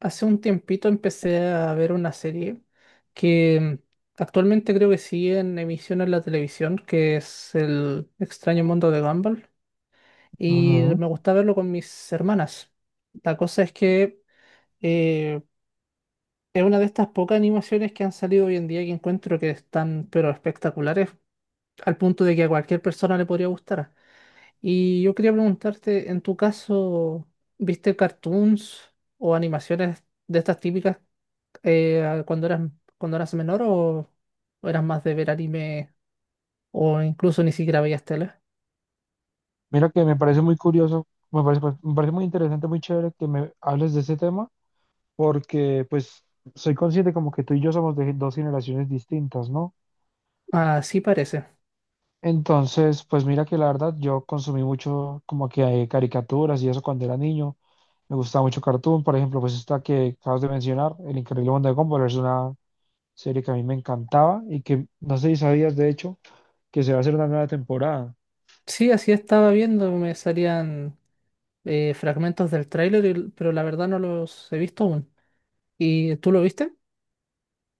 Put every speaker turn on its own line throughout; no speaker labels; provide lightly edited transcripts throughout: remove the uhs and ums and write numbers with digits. Hace un tiempito empecé a ver una serie que actualmente creo que sigue en emisión en la televisión, que es El extraño mundo de Gumball, y
Ujú.
me gusta verlo con mis hermanas. La cosa es que eh, es una de estas pocas animaciones que han salido hoy en día que encuentro que están pero espectaculares, al punto de que a cualquier persona le podría gustar. Y yo quería preguntarte, en tu caso, ¿viste cartoons o animaciones de estas típicas? eh, cuando eras, cuando eras menor o eras más de ver anime o incluso ni siquiera veías tele?
Mira que me parece muy curioso, me parece, pues, me parece muy interesante, muy chévere que me hables de ese tema, porque pues soy consciente como que tú y yo somos de dos generaciones distintas, ¿no?
Así parece.
Entonces, pues mira que la verdad yo consumí mucho como que caricaturas y eso cuando era niño. Me gustaba mucho Cartoon, por ejemplo, pues esta que acabas de mencionar, El Increíble Mundo de Gumball, es una serie que a mí me encantaba y que no sé si sabías de hecho que se va a hacer una nueva temporada.
Sí, así estaba viendo, me salían fragmentos del tráiler, pero la verdad no los he visto aún. ¿Y tú lo viste?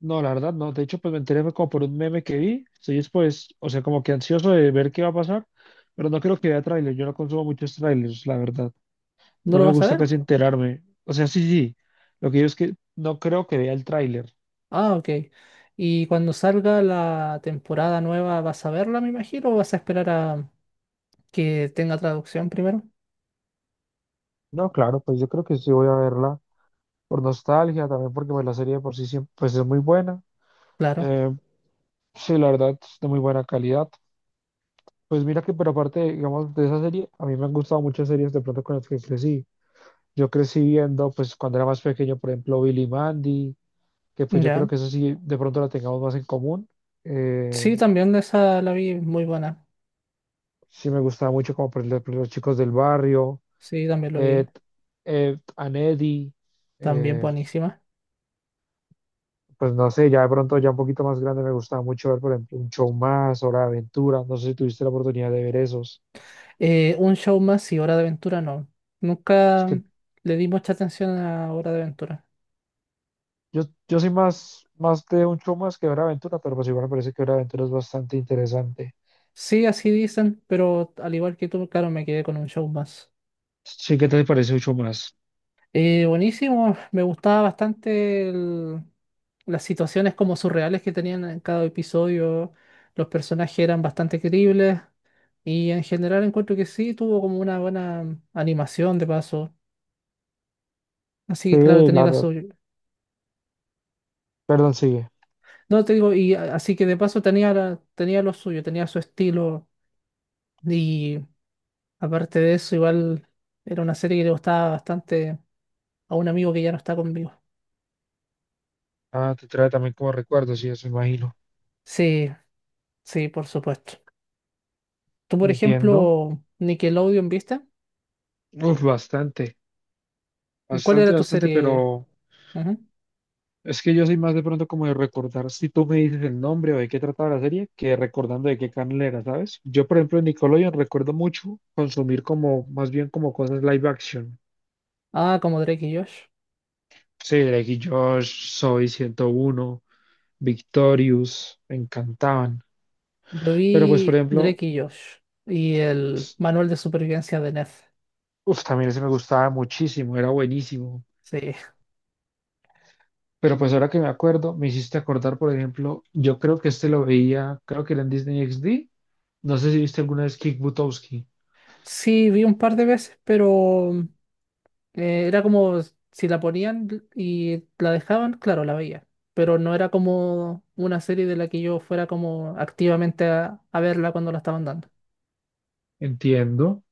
No, la verdad no. De hecho, pues me enteré fue como por un meme que vi. Estoy pues, o sea, como que ansioso de ver qué va a pasar, pero no creo que vea tráiler. Yo no consumo muchos trailers, la verdad.
¿No
No
lo
me
vas a
gusta
ver?
casi enterarme. O sea, sí, sí. Lo que yo es que no creo que vea el tráiler.
Ah, ok. ¿Y cuando salga la temporada nueva vas a verla, me imagino, o vas a esperar a que tenga traducción primero?
No, claro, pues yo creo que sí voy a verla por nostalgia, también porque pues, la serie de por sí siempre, pues es muy buena.
Claro.
Eh, sí, la verdad, es de muy buena calidad. Pues mira que, pero aparte, digamos, de esa serie, a mí me han gustado muchas series de pronto con las que crecí. Yo crecí viendo, pues cuando era más pequeño, por ejemplo, Billy Mandy, que pues yo creo
Ya.
que eso sí, de pronto la tengamos más en común. Eh,
Sí, también esa la vi muy buena.
sí me gustaba mucho como por ejemplo los chicos del barrio,
Sí, también lo vi.
Ed, Ed and Eddie,
También
eh,
buenísima.
pues no sé, ya de pronto ya un poquito más grande me gustaba mucho ver, por ejemplo, un show más, Hora de Aventura, no sé si tuviste la oportunidad de ver esos.
Un show más y Hora de Aventura no.
Es
Nunca
que
le di mucha atención a Hora de Aventura.
yo soy más de un show más que Hora de Aventura, pero pues igual me parece que Hora de Aventura es bastante interesante.
Sí, así dicen, pero al igual que tú, claro, me quedé con un show más.
Sí, ¿qué te parece un show más?
Buenísimo, me gustaba bastante las situaciones como surreales que tenían en cada episodio. Los personajes eran bastante creíbles y en general encuentro que sí, tuvo como una buena animación de paso. Así que claro,
Sí,
tenía la
claro.
suyo.
Perdón, sigue.
No, te digo, y así que de paso tenía, tenía lo suyo, tenía su estilo. Y aparte de eso, igual era una serie que le gustaba bastante a un amigo que ya no está conmigo.
Ah, te trae también como recuerdos, sí, eso imagino.
Sí, sí, por supuesto. Tú, por
Entiendo.
ejemplo, Nickelodeon, ¿viste?
Uf, bastante,
¿Cuál
bastante,
era tu
bastante,
serie?
pero
Ujú.
es que yo soy más de pronto como de recordar si tú me dices el nombre o de qué trataba la serie que recordando de qué canal era, ¿sabes? Yo, por ejemplo, en Nickelodeon recuerdo mucho consumir como, más bien como cosas live action.
Ah, como Drake y Josh.
Sí, Drake y Josh, Soy ciento uno, Victorious, me encantaban.
Yo
Pero pues, por
vi
ejemplo,
Drake y Josh y el Manual de Supervivencia de Ned.
uf, también ese me gustaba muchísimo, era buenísimo.
Sí.
Pero pues ahora que me acuerdo, me hiciste acordar, por ejemplo, yo creo que este lo veía, creo que era en Disney XD. No sé si viste alguna vez Kick Buttowski.
Sí, vi un par de veces, pero era como si la ponían y la dejaban, claro, la veía. Pero no era como una serie de la que yo fuera como activamente a verla cuando la estaban dando.
Entiendo.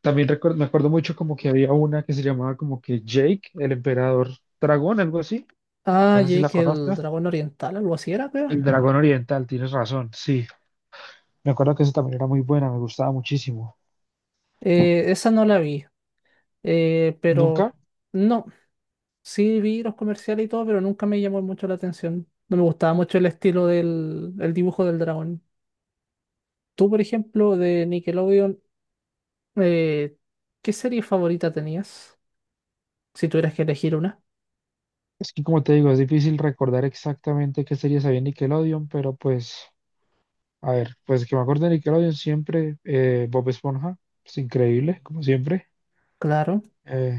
Me acuerdo mucho como que había una que se llamaba como que Jake, el emperador dragón, algo así.
Ah,
No sé si la
Jake, el
conozcas.
dragón oriental, algo así era, creo.
El dragón oriental, tienes razón, sí. Me acuerdo que esa también era muy buena, me gustaba muchísimo.
Esa no la vi. Eh,
¿Nunca?
pero no, sí vi los comerciales y todo, pero nunca me llamó mucho la atención. No me gustaba mucho el estilo del el dibujo del dragón. Tú, por ejemplo, de Nickelodeon, eh, ¿qué serie favorita tenías? Si tuvieras que elegir una.
Es que como te digo, es difícil recordar exactamente qué series había en Nickelodeon, pero pues, a ver, pues que me acuerdo de Nickelodeon siempre, Bob Esponja, es increíble, como siempre.
Claro.
Eh,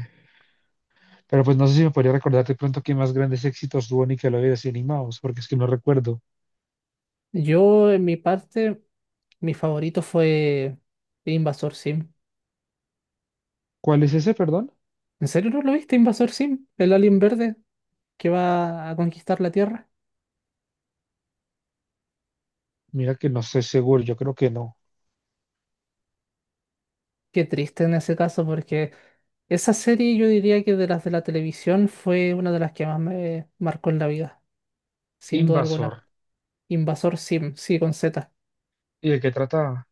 pero pues no sé si me podría recordar de pronto qué más grandes éxitos tuvo Nickelodeon así animados, porque es que no recuerdo.
Yo, en mi parte, mi favorito fue Invasor Sim.
¿Cuál es ese, perdón?
¿En serio no lo viste, Invasor Sim? El alien verde que va a conquistar la Tierra.
Mira que no sé seguro, yo creo que no.
Qué triste en ese caso, porque esa serie yo diría que de las de la televisión fue una de las que más me marcó en la vida, sin duda
Invasor.
alguna. Invasor Sim, sí, con Z.
¿Y de qué trataba?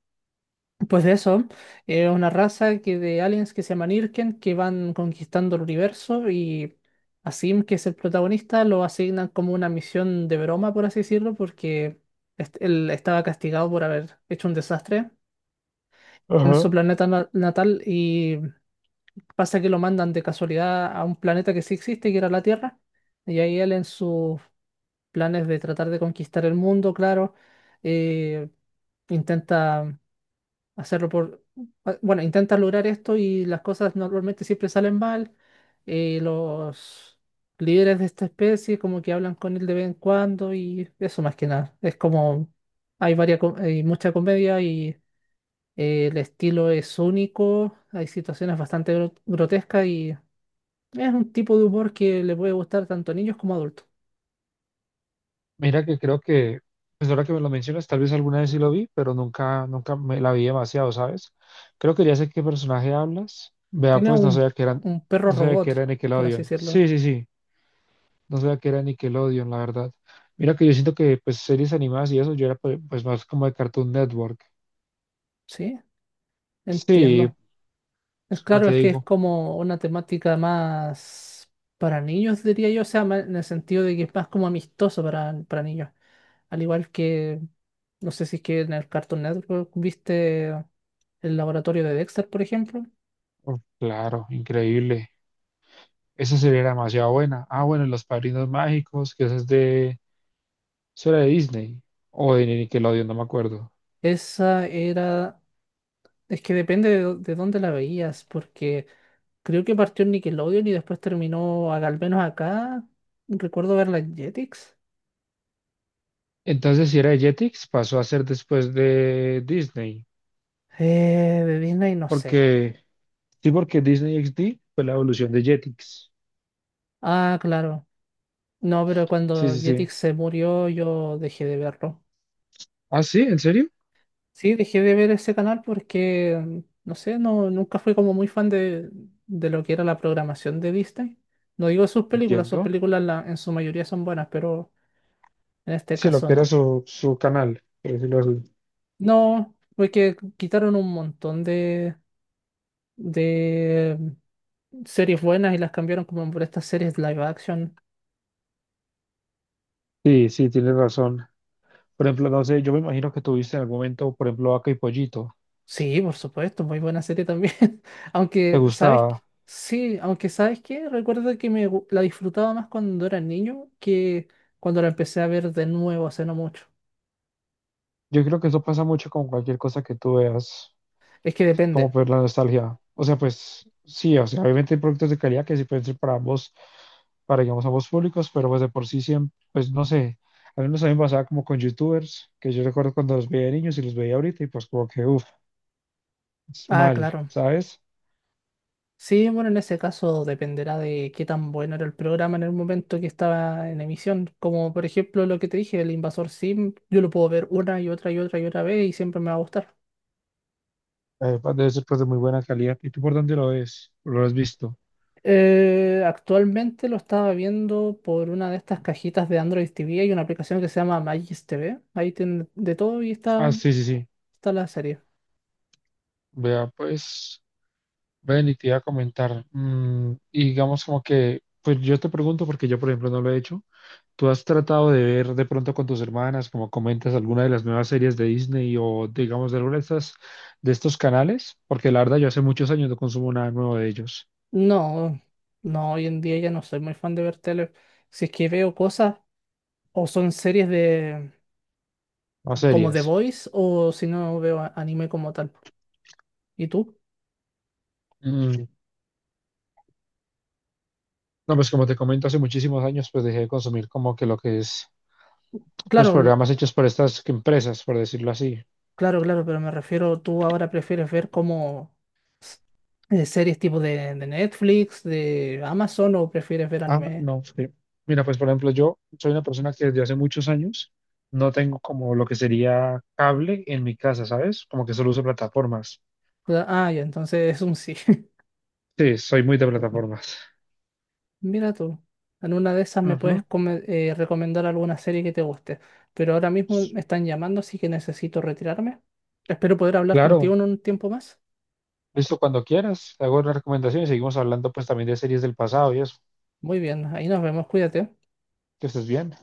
Pues de eso, es una raza que de aliens que se llaman Irken, que van conquistando el universo y a Sim, que es el protagonista, lo asignan como una misión de broma, por así decirlo, porque él estaba castigado por haber hecho un desastre en su
Ajá.
planeta natal y pasa que lo mandan de casualidad a un planeta que sí existe, que era la Tierra, y ahí él en sus planes de tratar de conquistar el mundo, claro, eh, intenta hacerlo bueno, intentas lograr esto y las cosas normalmente siempre salen mal. Los líderes de esta especie como que hablan con él de vez en cuando y eso más que nada. Es como hay hay mucha comedia y el estilo es único, hay situaciones bastante grotescas y es un tipo de humor que le puede gustar tanto a niños como a adultos.
Mira que creo que, pues ahora que me lo mencionas, tal vez alguna vez sí lo vi, pero nunca, nunca me la vi demasiado, ¿sabes? Creo que ya sé qué personaje hablas. Vea,
Tiene
pues no sabía que eran,
un perro
no sabía que
robot,
era
por así
Nickelodeon.
decirlo.
Sí, sí, sí, no sabía que era Nickelodeon, la verdad. Mira que yo siento que, pues, series animadas y eso, yo era pues, más como de Cartoon Network.
Sí,
Sí,
entiendo. Es
pues, como
claro,
te
es que es
digo,
como una temática más para niños, diría yo, o sea, en el sentido de que es más como amistoso para niños. Al igual que, no sé si es que en el Cartoon Network viste el laboratorio de Dexter, por ejemplo.
oh, claro, increíble. Esa serie era demasiado buena. Ah, bueno, y Los Padrinos Mágicos, que esa es de, eso era de Disney o de Nickelodeon, no me acuerdo.
Esa era, es que depende de dónde la veías, porque creo que partió en Nickelodeon y después terminó, al menos acá, recuerdo verla en Jetix.
Entonces, si era de Jetix, pasó a ser después de Disney.
De Disney, no sé.
Porque, sí, porque Disney XD fue la evolución de Jetix.
Ah, claro. No, pero
Sí,
cuando
sí, sí.
Jetix se murió yo dejé de verlo.
Ah, sí, ¿en serio?
Sí, dejé de ver ese canal porque, no sé, no, nunca fui como muy fan de lo que era la programación de Disney. No digo sus
Entiendo.
películas en su mayoría son buenas, pero en este
Sí, lo
caso
que era
no.
su, su canal, por decirlo así.
No, porque quitaron un montón de series buenas y las cambiaron como por estas series live action.
Sí, sí, tienes razón. Por ejemplo, no sé, yo me imagino que tuviste en algún momento, por ejemplo, Vaca y Pollito.
Sí, por supuesto, muy buena serie también.
¿Te
Aunque, ¿sabes qué?
gustaba?
Sí, aunque, ¿sabes qué? Recuerdo que la disfrutaba más cuando era niño que cuando la empecé a ver de nuevo hace no mucho.
Yo creo que eso pasa mucho con cualquier cosa que tú veas,
Es que
como
depende.
por la nostalgia. O sea, pues sí, o sea, obviamente hay productos de calidad que sí pueden ser para ambos, para digamos ambos públicos, pero pues de por sí siempre, pues no sé, al menos a mí me pasaba como con youtubers, que yo recuerdo cuando los veía de niños y los veía ahorita y pues como que, uff, es
Ah,
mal,
claro.
¿sabes?
Sí, bueno, en ese caso dependerá de qué tan bueno era el programa en el momento que estaba en emisión. Como por ejemplo lo que te dije, El Invasor Sim, yo lo puedo ver una y otra y otra y otra vez y siempre me va a gustar.
Pues, debe ser pues de muy buena calidad. ¿Y tú por dónde lo ves? ¿Lo has visto?
Actualmente lo estaba viendo por una de estas cajitas de Android TV. Hay una aplicación que se llama Magis TV. Ahí tiene de todo y
Ah,
está,
sí, sí, sí.
está la serie.
Vea, pues, ven y te iba a comentar. Mm, y digamos como que, pues yo te pregunto porque yo, por ejemplo, no lo he hecho. ¿Tú has tratado de ver de pronto con tus hermanas, como comentas, alguna de las nuevas series de Disney o digamos de alguna de estas, de estos canales? Porque la verdad yo hace muchos años no consumo nada nuevo de ellos,
No, no, hoy en día ya no soy muy fan de ver tele. Si es que veo cosas, o son series de
no
como The
series.
Voice, o si no veo anime como tal. ¿Y tú?
Mm, no, pues como te comento, hace muchísimos años pues dejé de consumir como que lo que es, pues
Claro, lo-
programas hechos por estas empresas, por decirlo así.
claro, claro, pero me refiero, tú ahora prefieres ver como s- series tipo de Netflix, de Amazon, o prefieres ver
Ah,
anime.
no, sí. Mira, pues por ejemplo, yo soy una persona que desde hace muchos años no tengo como lo que sería cable en mi casa, ¿sabes? Como que solo uso plataformas.
Ah, ya, entonces es un sí.
Sí, soy muy de plataformas.
Mira tú, en una de esas me puedes
Ujú.
recomendar alguna serie que te guste, pero ahora mismo me están llamando, así que necesito retirarme. Espero poder hablar contigo
Claro,
en un tiempo más.
listo cuando quieras. Te hago las recomendaciones y seguimos hablando pues también de series del pasado y eso.
Muy bien, ahí nos vemos, cuídate.
Que estés bien.